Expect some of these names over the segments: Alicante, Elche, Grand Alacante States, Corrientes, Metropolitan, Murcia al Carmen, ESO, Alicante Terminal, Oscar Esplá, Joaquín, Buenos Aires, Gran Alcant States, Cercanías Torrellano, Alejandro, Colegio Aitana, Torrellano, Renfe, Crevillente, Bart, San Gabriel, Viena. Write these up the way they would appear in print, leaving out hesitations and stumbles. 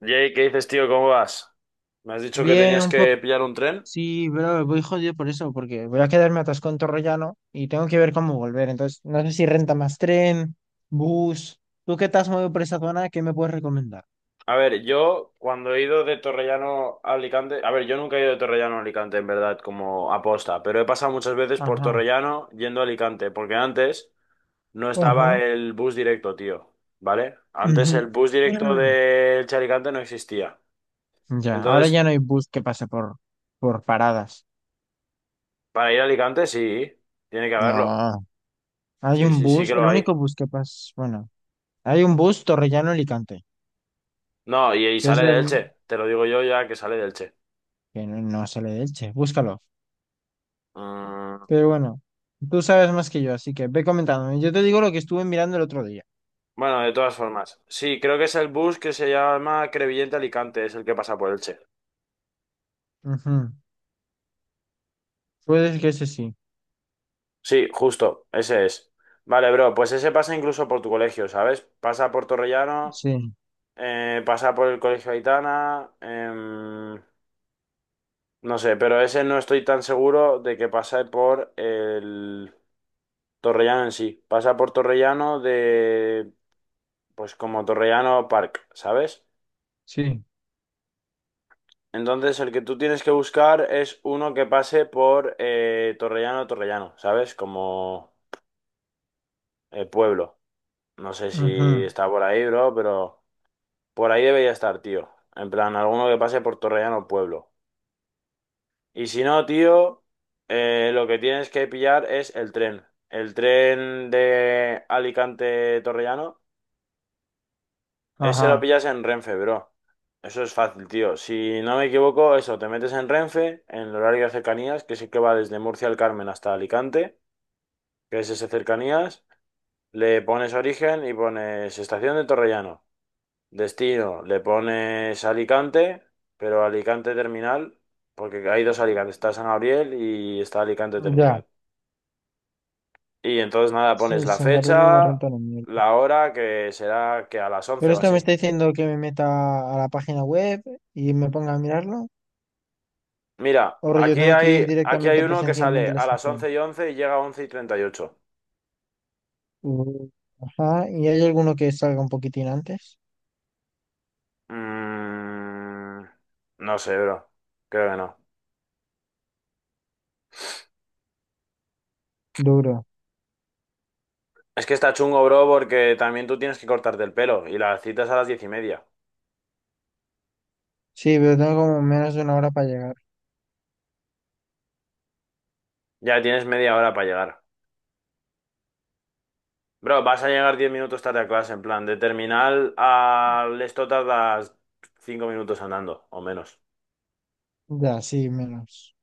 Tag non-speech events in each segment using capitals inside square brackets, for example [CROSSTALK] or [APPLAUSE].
Jay, ¿qué dices, tío? ¿Cómo vas? Me has dicho que Bien, tenías un poco. que pillar un tren. Sí, pero voy jodido por eso, porque voy a quedarme atascado en Torrellano y tengo que ver cómo volver. Entonces, no sé si renta más tren, bus. ¿Tú qué te has movido por esa zona? ¿Qué me puedes recomendar? A ver, yo cuando he ido de Torrellano a Alicante, a ver, yo nunca he ido de Torrellano a Alicante, en verdad, como aposta, pero he pasado muchas veces por Ajá. Torrellano yendo a Alicante, porque antes no Ajá. estaba Ujú. el bus directo, tío, ¿vale? Antes el [CLEARS THROAT] bus directo de Elche a Alicante no existía. Ya, ahora Entonces, ya no hay bus que pase por paradas. para ir a Alicante, sí, tiene que haberlo. No, hay Sí, un sí, sí bus, que lo el hay. único bus que pasa, bueno, hay un bus Torrellano-Alicante, No, y que es sale la... de Elche, te lo digo yo ya que sale de Elche. que no, no sale de Elche, búscalo. Mm, Pero bueno, tú sabes más que yo, así que ve comentándome. Yo te digo lo que estuve mirando el otro día. Bueno, de todas formas. Sí, creo que es el bus que se llama Crevillente Alicante, es el que pasa por Elche. Ujú. Puede que ese sí. Sí, justo, ese es. Vale, bro, pues ese pasa incluso por tu colegio, ¿sabes? Pasa por Torrellano, Sí, pasa por el Colegio Aitana, no sé, pero ese no estoy tan seguro de que pase por el Torrellano en sí. Pasa por Torrellano de, pues como Torrellano Park, ¿sabes? sí. Entonces, el que tú tienes que buscar es uno que pase por Torrellano, Torrellano, ¿sabes? Como pueblo. No sé si Ujú. está por ahí, bro, pero por ahí debería estar, tío. En plan, alguno que pase por Torrellano, pueblo. Y si no, tío, lo que tienes que pillar es el tren. El tren de Alicante-Torrellano. Ese lo Ajá. pillas en Renfe, bro. Eso es fácil, tío. Si no me equivoco, eso, te metes en Renfe, en el horario de cercanías, que sí que va desde Murcia al Carmen hasta Alicante, que es ese cercanías, le pones origen y pones estación de Torrellano. Destino, le pones Alicante, pero Alicante Terminal, porque hay dos Alicantes, está San Gabriel y está Alicante Ya. Terminal. Y entonces nada, pones Sí, la San Gabriel no me fecha, renta la mierda. la hora, que será que a las 11 Pero o esto me así. está diciendo que me meta a la página web y me ponga a mirarlo. Mira, O yo tengo que ir aquí hay directamente uno que presencialmente sale a la a las estación. 11 y 11 y llega a 11 y 38. Uh, Ajá. ¿Y hay alguno que salga un poquitín antes? Mm, no sé, bro. Creo que no. Duro. Es que está chungo, bro, porque también tú tienes que cortarte el pelo y la cita es a las 10:30. Sí, pero tengo como menos de una hora para llegar. Ya tienes media hora para llegar. Bro, vas a llegar 10 minutos tarde a clase, en plan, de terminal al esto tardas 5 minutos andando, o menos. Ya, sí, menos.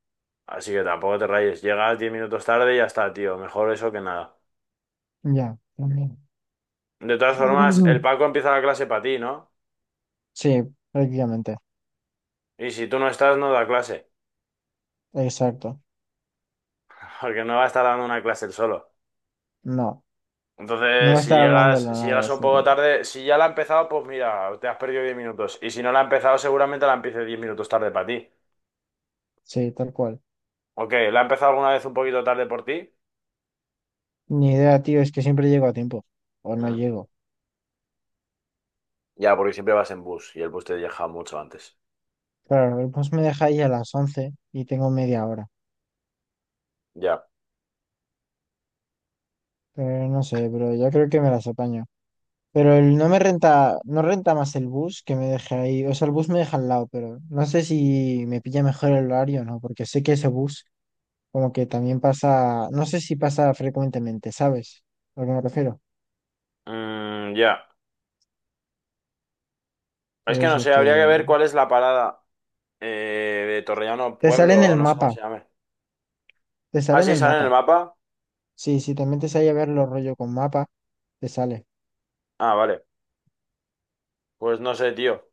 Así que tampoco te rayes. Llegas 10 minutos tarde y ya está, tío. Mejor eso que nada. Ya, también. De todas formas, el [LAUGHS] [CLEARS THROAT] Paco empieza la clase para ti, ¿no? Sí, prácticamente. Y si tú no estás, no da clase, Exacto. porque no va a estar dando una clase él solo. No, no va Entonces, a estar hablando de la si nada, llegas un así que poco tarde, si ya la ha empezado, pues mira, te has perdido 10 minutos. Y si no la ha empezado, seguramente la empiece 10 minutos tarde para ti. sí, tal cual. Ok, ¿la ha empezado alguna vez un poquito tarde por ti? Ni idea, tío, es que siempre llego a tiempo o no Mm, llego. ya, porque siempre vas en bus y el bus te deja mucho antes. Claro, el bus me deja ahí a las 11 y tengo media hora. Ya. Pero no sé, pero yo creo que me las apaño. No me renta, no renta más el bus que me deje ahí. O sea, el bus me deja al lado, pero no sé si me pilla mejor el horario o no, porque sé que ese bus como que también pasa, no sé si pasa frecuentemente, ¿sabes? A lo que me refiero. Mm, ya. Es Pero que no eso sé, habría que que ver cuál es la parada de Torrellano te sale en Pueblo, o el no sé cómo mapa. se llame. Te Ah, sale en sí, el sale en el mapa. mapa. Sí, si también te sale a ver los rollo con mapa, te sale. Ah, vale. Pues no sé, tío.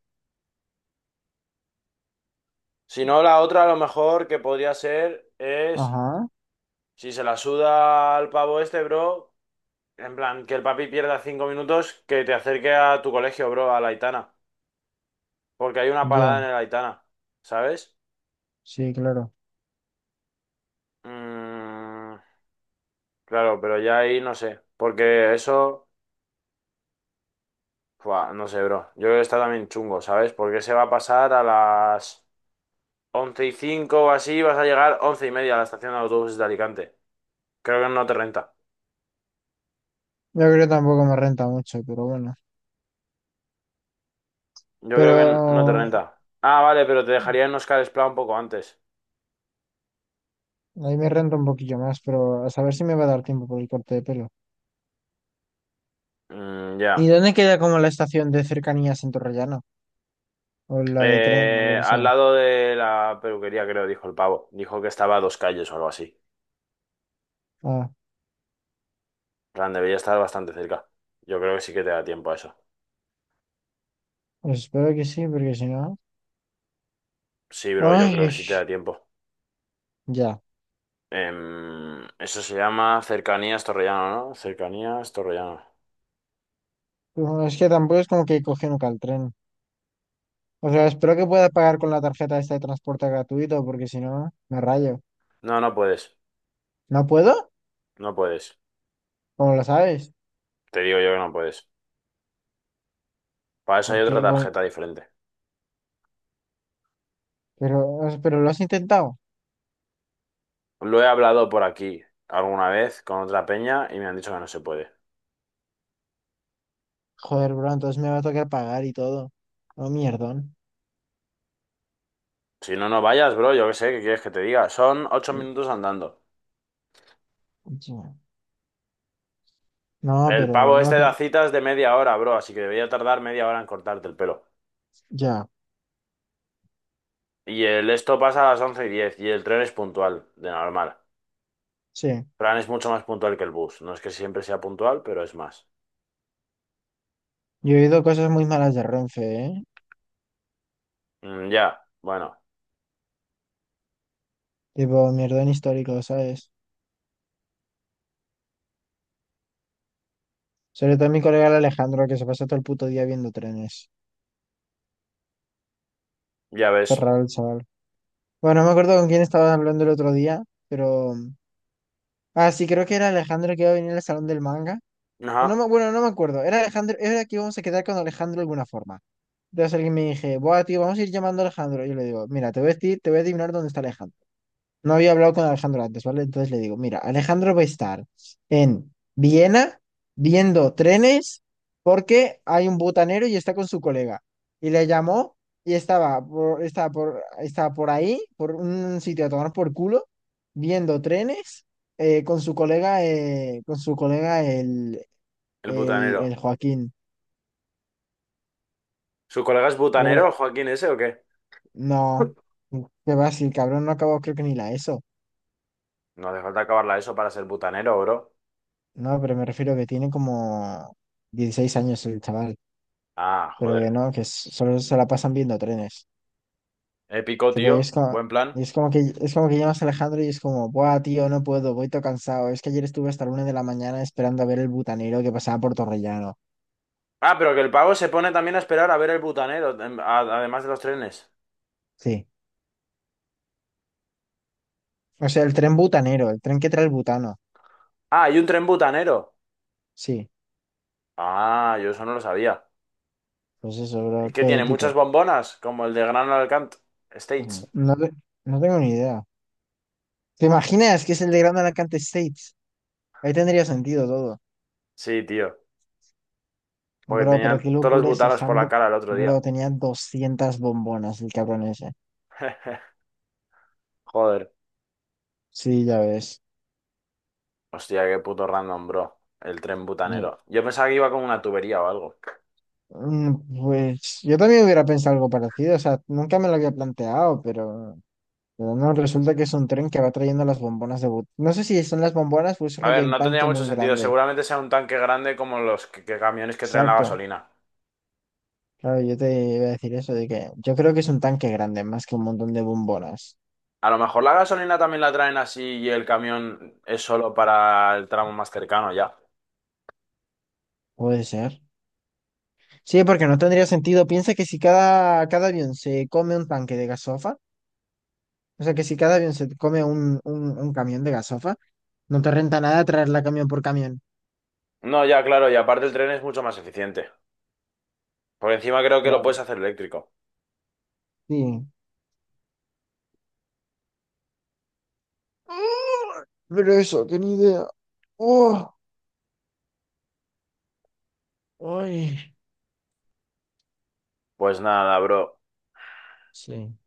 Si no, la otra a lo mejor que podría ser es, Ajá, si se la suda al pavo este, bro, en plan, que el papi pierda 5 minutos, que te acerque a tu colegio, bro, a la Aitana. Porque hay una parada en ya, el Aitana, ¿sabes? sí, claro. Mm, claro, pero ya ahí no sé. Porque eso, fua, no sé, bro. Yo creo que está también chungo, ¿sabes? Porque se va a pasar a las once y cinco o así, vas a llegar once y media a la estación de autobuses de Alicante. Creo que no te renta. Yo creo que tampoco me renta mucho, pero bueno. Yo Pero creo que no te renta. Ah, vale, pero te dejaría en Oscar Esplá un poco antes. ahí me renta un poquillo más, pero a saber si me va a dar tiempo por el corte de pelo. Mm, ¿Y ya. dónde queda como la estación de cercanías en Torrellano? O la de tren, o lo que Al sea. lado de la peluquería, creo, dijo el pavo. Dijo que estaba a 2 calles o algo así. Ah, En plan, debería estar bastante cerca. Yo creo que sí que te da tiempo a eso. pues espero que sí, porque si no. Sí, bro, yo creo Ay, que sí te da tiempo. ya. Eso se llama Cercanías Torrellano, ¿no? Cercanías Torrellano. Bueno, es que tampoco es como que coge nunca el tren. O sea, espero que pueda pagar con la tarjeta esta de transporte gratuito, porque si no, me rayo. No, no puedes. ¿No puedo? No puedes. ¿Cómo lo sabes? Te digo yo que no puedes. Para eso hay Porque, otra tarjeta diferente. pero lo has intentado. Lo he hablado por aquí alguna vez con otra peña y me han dicho que no se puede. Joder, bro, entonces me va a tocar pagar y todo. No, mierdón. Si no, no vayas, bro, yo qué sé, ¿qué quieres que te diga? Son 8 minutos andando. Ya. No, El pero pavo este no, da citas de media hora, bro, así que debería tardar media hora en cortarte el pelo. ya, Y el esto pasa a las once y diez, y el tren es puntual, de normal. sí. Fran es mucho más puntual que el bus. No es que siempre sea puntual, pero es más. Yo he oído cosas muy malas de Renfe, ¿eh? Mm, ya, bueno, Tipo, mierdón histórico, ¿sabes? Sobre todo mi colega el Alejandro, que se pasa todo el puto día viendo trenes. ya Qué ves. raro el chaval. Bueno, no me acuerdo con quién estaba hablando el otro día, pero... Ah, sí, creo que era Alejandro que iba a venir al salón del manga. Ajá, Bueno, no me acuerdo. Era Alejandro, era que íbamos a quedar con Alejandro de alguna forma. Entonces alguien me dije, buah, tío, vamos a ir llamando a Alejandro. Y yo le digo, mira, te voy a adivinar dónde está Alejandro. No había hablado con Alejandro antes, ¿vale? Entonces le digo, mira, Alejandro va a estar en Viena viendo trenes porque hay un butanero y está con su colega. Y le llamó y estaba por ahí, por un sitio a tomar por culo, viendo trenes con su colega, el el butanero. Joaquín. ¿Su colega es Pero butanero, Joaquín ese o qué? no, [LAUGHS] qué va, si el cabrón no acabó creo que ni la ESO. No hace falta acabarla eso para ser butanero, bro. No, pero me refiero que tiene como 16 años el chaval, Ah, pero que joder. no, que solo se la pasan viendo trenes. Épico, Tipo, tío. y es como, Buen plan. y es como que es como que llamas a Alejandro y es como, buah, tío, no puedo, voy todo cansado. Es que ayer estuve hasta la 1 de la mañana esperando a ver el butanero que pasaba por Torrellano. Ah, pero que el pavo se pone también a esperar a ver el butanero, además de los trenes. Sí. O sea, el tren butanero, el tren que trae el butano. Ah, hay un tren butanero. Sí, Ah, yo eso no lo sabía. pues eso, ¿Y bro, qué todo tiene? ¿Muchas épico. bombonas? Como el de Gran Alcant States. No, no tengo ni idea. ¿Te imaginas que es el de Grand Alacante States? Ahí tendría sentido todo. Sí, tío. Porque Bro, pero tenía qué todos los locura ese butanos por la handbook. cara el otro día. Bro, tenía 200 bombonas el cabrón ese. [LAUGHS] Joder. Sí, ya ves. Hostia, qué puto random, bro. El tren No. butanero. Yo pensaba que iba con una tubería o algo. Mm, Pues yo también hubiera pensado algo parecido. O sea, nunca me lo había planteado, pero no, resulta que es un tren que va trayendo las bombonas de But. No sé si son las bombonas o es A ver, rollo un no tendría tanque mucho muy sentido. grande. Seguramente sea un tanque grande como los que camiones que traen la Exacto. gasolina. Claro, yo te iba a decir eso, de que yo creo que es un tanque grande, más que un montón de bombonas. A lo mejor la gasolina también la traen así y el camión es solo para el tramo más cercano, ya. Puede ser. Sí, porque no tendría sentido. Piensa que si cada avión se come un tanque de gasofa, o sea que si cada avión se come un camión de gasofa, no te renta nada traerla camión por camión. No, ya, claro, y aparte el tren es mucho más eficiente. Por encima creo que lo puedes Claro. hacer eléctrico. Sí. Pero eso, que ni idea. Oh, ay. Pues nada, bro. Sí.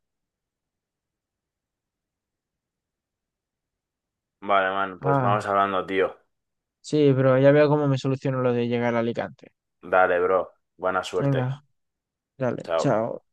Vale, man, pues Ah, vamos hablando, tío. sí, pero ya veo cómo me soluciono lo de llegar a Alicante. Dale, bro. Buena suerte. Venga, dale, Chao. chao.